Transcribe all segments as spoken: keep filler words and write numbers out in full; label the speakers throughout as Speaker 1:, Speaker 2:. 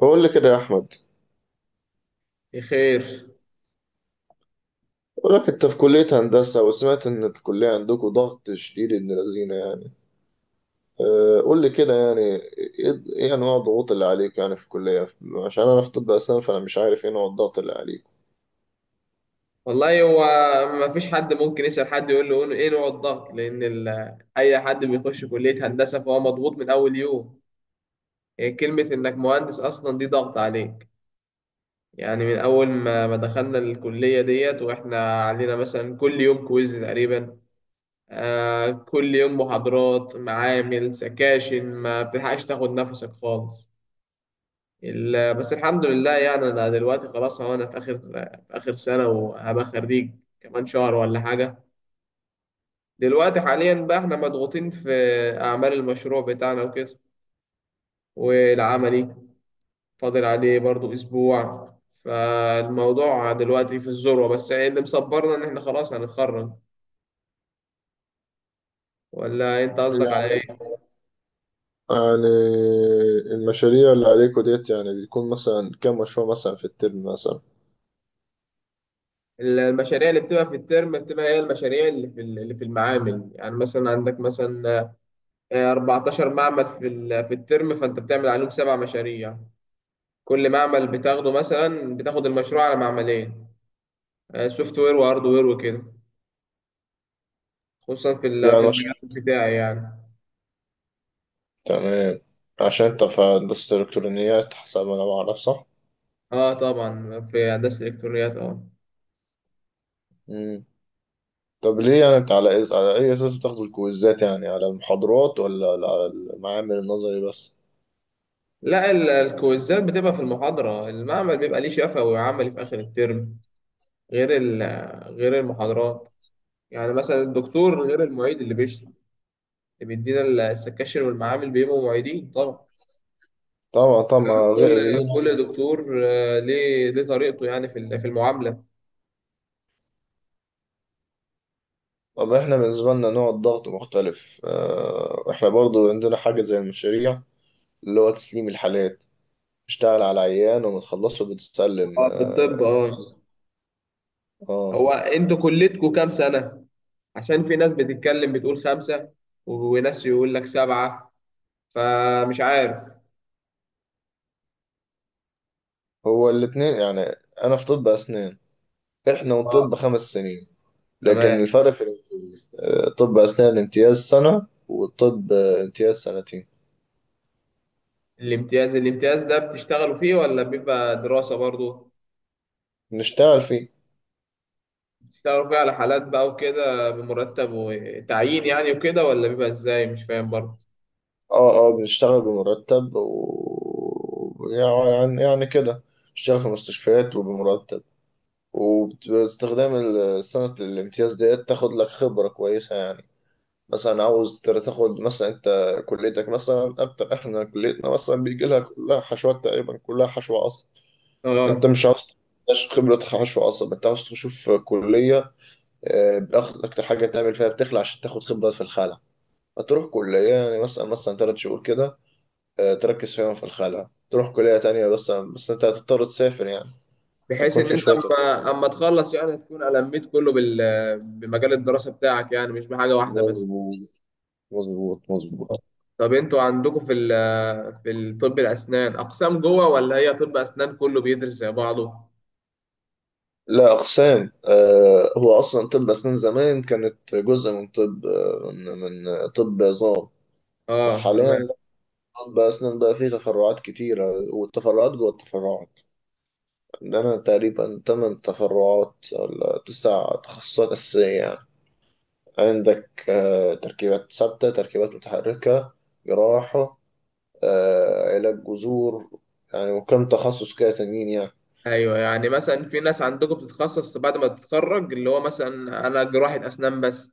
Speaker 1: بقول لي كده يا احمد.
Speaker 2: بخير.
Speaker 1: بقول لك انت في كليه هندسه، وسمعت ان الكليه عندكم ضغط شديد، ابن لذينه يعني. أه، قول لي كده، يعني ايه إيه انواع الضغوط اللي عليك يعني في الكليه؟ عشان انا في طب اسنان، فانا مش عارف ايه نوع الضغط اللي عليك.
Speaker 2: والله هو ما فيش حد ممكن يسأل حد يقول له ايه نوع الضغط، لأن ال- أي حد بيخش كلية هندسة فهو مضغوط من أول يوم. هي كلمة إنك مهندس أصلا دي ضغط عليك. يعني من أول ما ما دخلنا الكلية ديت وإحنا علينا مثلا كل يوم كويز تقريبا. آه كل يوم محاضرات معامل سكاشن، ما بتلحقش تاخد نفسك خالص. ال- بس الحمد لله، يعني أنا دلوقتي خلاص، هو أنا في آخر في آخر سنة وهبقى خريج كمان شهر ولا حاجة. دلوقتي حاليا بقى احنا مضغوطين في أعمال المشروع بتاعنا وكده، والعملي فاضل عليه برضو أسبوع. فالموضوع دلوقتي في الذروة، بس اللي مصبرنا إن احنا خلاص هنتخرج. ولا أنت قصدك على إيه؟
Speaker 1: يعني المشاريع اللي عليكوا ديت، يعني بيكون مثلا كام مشروع مثلا في الترم مثلا؟
Speaker 2: المشاريع اللي بتبقى في الترم بتبقى هي المشاريع اللي في اللي في المعامل. يعني مثلا عندك مثلا آه، أربعتاشر معمل في ال- في الترم، فأنت بتعمل عليهم سبع مشاريع. كل معمل بتاخده مثلا بتاخد المشروع على معملين، سوفت وير وهارد وير وكده، خصوصا في ال- في
Speaker 1: يعني مش
Speaker 2: المجال بتاعي يعني.
Speaker 1: تمام، عشان انت في هندسة الإلكترونيات حسب ما انا بعرف، صح؟
Speaker 2: اه، طبعا في هندسه الالكترونيات اه.
Speaker 1: طب ليه، يعني انت على إس... على اي اساس بتاخدوا الكويزات؟ يعني على المحاضرات ولا على المعامل النظري بس؟
Speaker 2: لا، ال- الكويزات بتبقى في المحاضره. المعمل بيبقى ليه شفوي وعملي في اخر الترم، غير ال- غير المحاضرات. يعني مثلا الدكتور غير المعيد اللي بيشرح، اللي بيدينا ال- السكاشن والمعامل بيبقوا معيدين طبعا.
Speaker 1: طبعا طبعا، غير
Speaker 2: كل
Speaker 1: زينا.
Speaker 2: كل دكتور آه، ليه ليه طريقته، يعني في ال- في المعامله.
Speaker 1: طب احنا بالنسبه لنا نوع الضغط مختلف، اه، احنا برضو عندنا حاجه زي المشاريع، اللي هو تسليم الحالات. اشتغل على عيان وبتخلصه بتسلم،
Speaker 2: اه، في الطب
Speaker 1: اه.
Speaker 2: اه.
Speaker 1: اه.
Speaker 2: هو انتوا كلتكم كام سنه؟ عشان في ناس بتتكلم بتقول خمسه وناس يقول لك سبعه، فمش عارف.
Speaker 1: هو الاتنين يعني. انا في طب اسنان، احنا
Speaker 2: اه،
Speaker 1: وطب خمس سنين. لكن
Speaker 2: تمام.
Speaker 1: الفرق في الامتياز، اه، طب اسنان امتياز سنه، والطب، اه، امتياز سنتين.
Speaker 2: الامتياز، الامتياز ده بتشتغلوا فيه ولا بيبقى دراسة برضو؟
Speaker 1: نشتغل فيه.
Speaker 2: بتشتغلوا فيه على حالات بقى وكده، بمرتب وتعيين يعني وكده، ولا بيبقى ازاي؟ مش فاهم برضو.
Speaker 1: اه اه، بنشتغل بمرتب و يعني يعني كده. بشتغل في مستشفيات وبمرتب، وباستخدام ال- سنة الامتياز ديت تاخد لك خبرة كويسة يعني. مثلا عاوز تر- تاخد مثلا انت كليتك مثلا اكتر، احنا كليتنا مثلا بيجي لها كلها حشوات تقريبا، كلها حشو عصب. انت
Speaker 2: اه،
Speaker 1: مش عاوز تخش خبرة حشو عصب، انت عاوز تشوف كلية، آه، بأخ- اكتر حاجة تعمل فيها بتخلع عشان تاخد خبرة في الخلع. هتروح كلية يعني مثلا مثلا تلات شهور كده، آه، تركز فيهم في الخلع، تروح كلية تانية، بس بس انت هتضطر تسافر يعني.
Speaker 2: بحيث
Speaker 1: هيكون
Speaker 2: ان
Speaker 1: في
Speaker 2: انت
Speaker 1: شوية.
Speaker 2: اما اما تخلص، يعني تكون لميت كله بال... بمجال الدراسة بتاعك، يعني مش بحاجة واحدة بس.
Speaker 1: مظبوط، مظبوط مظبوط.
Speaker 2: آه. طب انتوا عندكم في ال... في الطب الاسنان اقسام جوه، ولا هي طب اسنان كله بيدرس زي بعضه؟
Speaker 1: لا، أقسام. آه، هو أصلا طب أسنان زمان كانت جزء من طب آه، من من طب عظام. بس
Speaker 2: اه،
Speaker 1: حاليا
Speaker 2: تمام.
Speaker 1: لا. طب أسنان بقى فيه تفرعات كتيرة، والتفرعات جوه التفرعات. عندنا تقريبا تمن تفرعات ولا تسع تخصصات أساسية يعني. عندك، آه، تركيبات ثابتة، تركيبات متحركة، جراحة، آه، علاج جذور، يعني وكم تخصص كده تانيين يعني.
Speaker 2: ايوه، يعني مثلا في ناس عندكم بتتخصص بعد ما تتخرج، اللي هو مثلا انا جراحة اسنان بس،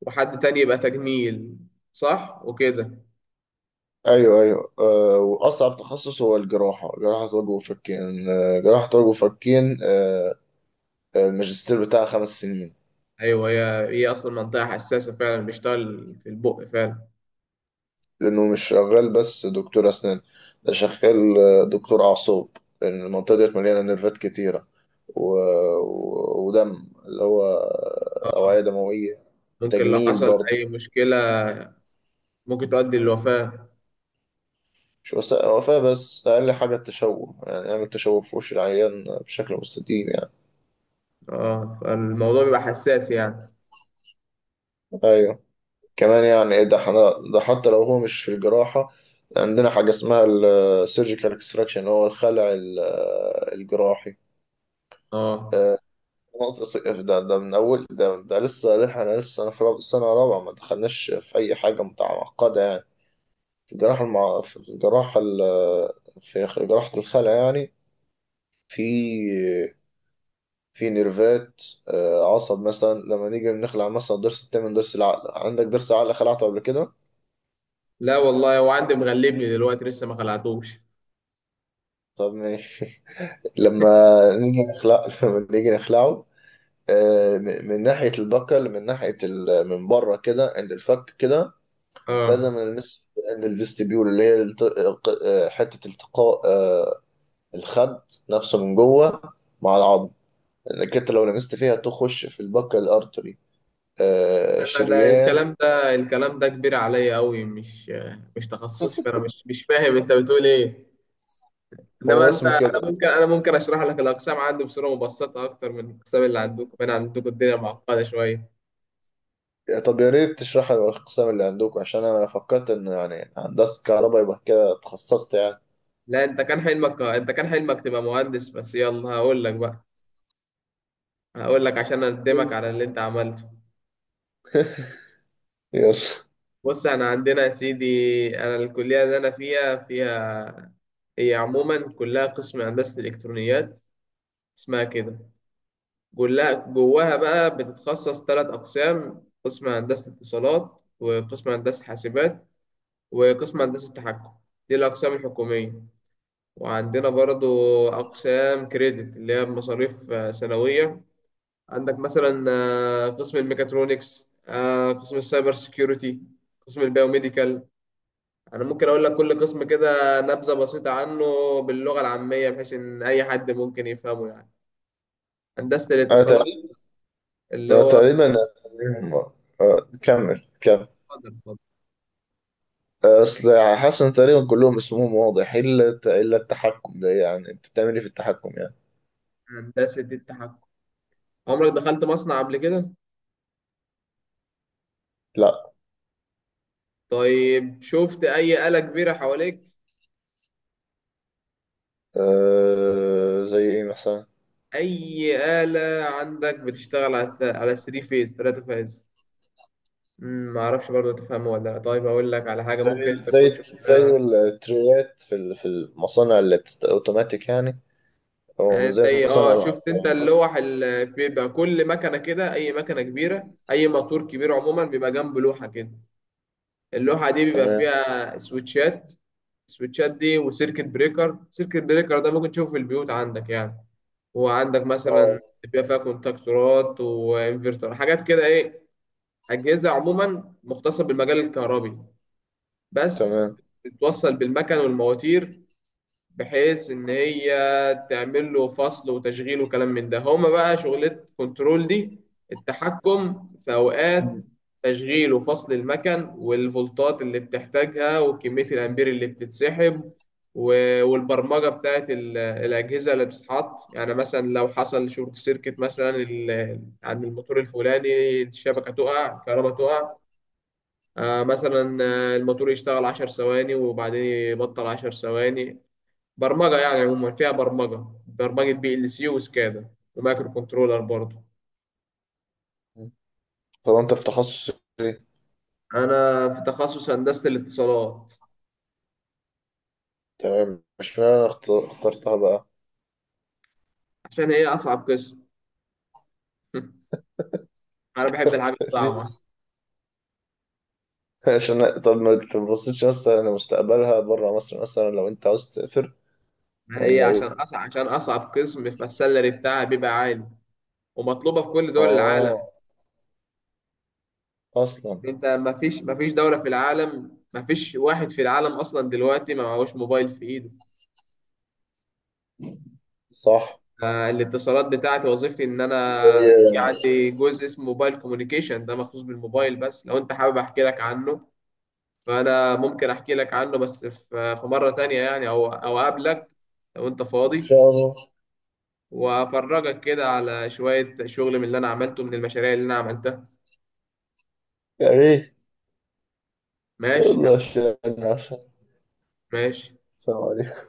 Speaker 2: وحد تاني يبقى تجميل، صح؟ وكده.
Speaker 1: ايوه ايوه، آه، واصعب تخصص هو الجراحه، جراحه وجه وفكين، آه، جراحه وجه وفكين. آه، آه، الماجستير بتاعها خمس سنين.
Speaker 2: ايوه، هي هي اصلا منطقة حساسة، فعلا بيشتغل في البق فعلا.
Speaker 1: لانه مش شغال بس دكتور اسنان، ده شغال آه، دكتور اعصاب. لان المنطقه ديت مليانه نيرفات كتيره، و... و... ودم، اللي هو
Speaker 2: آه،
Speaker 1: اوعيه دمويه.
Speaker 2: ممكن لو
Speaker 1: وتجميل
Speaker 2: حصل
Speaker 1: برضه.
Speaker 2: اي مشكلة ممكن تؤدي للوفاة.
Speaker 1: مش بس وفاة، بس أقل حاجة التشوه، يعني أعمل تشوه في وش العيان بشكل مستديم يعني.
Speaker 2: اه، فالموضوع بيبقى حساس يعني.
Speaker 1: ايوه. كمان، يعني ايه ده احنا ده حتى لو هو مش في الجراحة، عندنا حاجة اسمها السيرجيكال اكستراكشن، هو الخلع ال- الجراحي.
Speaker 2: اه.
Speaker 1: آه، نقطة ص- ده ده من أول، ده ده لسه احنا لسه أنا في راب- سنة رابعة، ما دخلناش في أي حاجة متعقدة يعني في الجراحة المع... في الجراحة ال... في جراحة الخلع يعني، في في نيرفات، آه، عصب. مثلا لما نيجي بنخلع مثلا ضرس التامن، ضرس العقل، عندك ضرس العقل خلعته قبل كده؟
Speaker 2: لا والله، هو عندي مغلبني دلوقتي لسه ما خلعتوش.
Speaker 1: طب ماشي. لما نيجي نخلع لما نيجي نخلعه، آه، م- من ناحية البكل، من ناحية ال... من بره كده عند الفك كده، لازم
Speaker 2: اه،
Speaker 1: نلمس عند الفيستبيول، اللي هي الت... ق- آه، حتة التقاء آه، الخد نفسه من جوه مع العظم. لأنك أنت لو لمست فيها تخش في البكل الأرتري، آه،
Speaker 2: انا ده
Speaker 1: شريان.
Speaker 2: الكلام، ده الكلام ده كبير عليا قوي، مش مش تخصصي، فانا مش مش فاهم انت بتقول ايه. انما
Speaker 1: هو
Speaker 2: انت
Speaker 1: اسمه
Speaker 2: انا
Speaker 1: كده.
Speaker 2: ممكن انا ممكن اشرح لك الاقسام عندي بصوره مبسطه اكتر من الاقسام اللي عندكم، انا عندكم الدنيا معقده شويه.
Speaker 1: طب يا ريت تشرح لي الأقسام اللي عندكم، عشان أنا فكرت إنه يعني هندسة كهرباء يبقى كده اتخصصت يعني.
Speaker 2: لا، انت كان حلمك انت كان حلمك تبقى مهندس بس، يلا هقول لك بقى، هقول لك عشان اقدمك على اللي انت عملته.
Speaker 1: يلا.
Speaker 2: بص، انا عندنا يا سيدي، انا الكليه اللي انا فيها فيها هي عموما كلها قسم هندسه الالكترونيات، اسمها كده. جواها جواها بقى بتتخصص ثلاث أقسام: قسم هندسة اتصالات، وقسم هندسة حاسبات، وقسم هندسة تحكم. دي الأقسام الحكومية. وعندنا برضو أقسام كريدت، اللي هي مصاريف آه، سنوية. عندك مثلا آه، قسم الميكاترونكس، آه، قسم السايبر سيكيورتي، قسم البيوميديكال. أنا ممكن أقول لك كل قسم كده نبذة بسيطة عنه، باللغة العامية، بحيث إن أي حد ممكن يفهمه. يعني هندسة
Speaker 1: أنا
Speaker 2: الاتصالات اللي
Speaker 1: أنا
Speaker 2: هو...
Speaker 1: تقريبا أساميهم، آه، كمل كمل.
Speaker 2: اتفضل، اتفضل.
Speaker 1: آه، أصل حاسس إن تقريبا كلهم اسمهم واضح، إلا الت- إلا التحكم ده. يعني أنت بتعمل إيه في التحكم يعني؟
Speaker 2: هندسة التحكم. عمرك دخلت مصنع قبل كده؟
Speaker 1: لأ.
Speaker 2: طيب شفت أي آلة كبيرة حواليك؟
Speaker 1: أه، زي إيه مثلا؟
Speaker 2: أي آلة عندك بتشتغل على الت- على ثلاث فيز، ثلاث فيز. مم، معرفش برضه تفهمه ولا لا. طيب أقول لك على حاجة
Speaker 1: زي
Speaker 2: ممكن أنت
Speaker 1: ال-
Speaker 2: تكون
Speaker 1: زي
Speaker 2: شفتها،
Speaker 1: زي التريات في ال- في المصانع اللي بتست أوتوماتيك يعني، أو
Speaker 2: يعني
Speaker 1: زي
Speaker 2: زي
Speaker 1: مصانع
Speaker 2: اه شفت أنت
Speaker 1: العصير.
Speaker 2: اللوح اللي بيبقى كل مكنة كده، أي مكنة كبيرة، أي موتور كبير عموما بيبقى جنب لوحة كده. اللوحة دي بيبقى
Speaker 1: تمام.
Speaker 2: فيها سويتشات. السويتشات دي وسيركت بريكر، سيركت بريكر ده ممكن تشوفه في البيوت عندك يعني. هو عندك
Speaker 1: أه،
Speaker 2: مثلا بيبقى فيها كونتاكتورات وانفرتر، حاجات كده ايه، اجهزه عموما مختصه بالمجال الكهربي بس،
Speaker 1: تمام.
Speaker 2: بتوصل بالمكن والمواتير، بحيث ان هي تعمل له فصل وتشغيل وكلام من ده، هما بقى شغلة كنترول دي. التحكم في اوقات تشغيل وفصل المكن، والفولتات اللي بتحتاجها، وكمية الامبير اللي بتتسحب، و- والبرمجة بتاعت ال- الأجهزة اللي بتتحط، يعني مثلا لو حصل شورت سيركت مثلا ال- عند الموتور الفلاني، الشبكة تقع، الكهرباء تقع، آه، مثلا آه، الموتور يشتغل عشر ثواني وبعدين يبطل عشر ثواني. برمجة يعني، عموما فيها برمجة برمجة بي ال سي وسكادا ومايكرو كنترولر برضه.
Speaker 1: طب أنت في تخصص إيه؟
Speaker 2: أنا في تخصص هندسة الاتصالات
Speaker 1: تمام. مش معنى، أنا اخت- اخترتها بقى.
Speaker 2: عشان هي أصعب قسم. أنا بحب الحاجة
Speaker 1: ليه؟
Speaker 2: الصعبة.
Speaker 1: عشان طب ما تبصيتش مثلا لمستقبلها بره مصر مثلا؟ لو انت عاوز تسافر
Speaker 2: هي
Speaker 1: ولا
Speaker 2: عشان
Speaker 1: ايه؟
Speaker 2: أصعب عشان أصعب قسم، فالسالري بتاعها بيبقى عالي ومطلوبة في كل دول العالم.
Speaker 1: اه. اصلا.
Speaker 2: أنت مفيش مفيش دولة في العالم، مفيش واحد في العالم أصلا دلوقتي ما معهوش موبايل في إيده.
Speaker 1: صح.
Speaker 2: آه، الاتصالات بتاعتي وظيفتي ان انا في
Speaker 1: إيه.
Speaker 2: عندي جزء اسمه موبايل كوميونيكيشن، ده مخصوص بالموبايل بس، لو انت حابب احكي لك عنه فانا ممكن احكي لك عنه، بس في في مرة تانية يعني، او او اقابلك لو انت
Speaker 1: ان
Speaker 2: فاضي
Speaker 1: شاء الله.
Speaker 2: وافرجك كده على شوية شغل من اللي انا عملته من المشاريع اللي انا عملتها.
Speaker 1: يا ريت.
Speaker 2: ماشي يعني،
Speaker 1: والله، عشان،
Speaker 2: ماشي.
Speaker 1: السلام عليكم.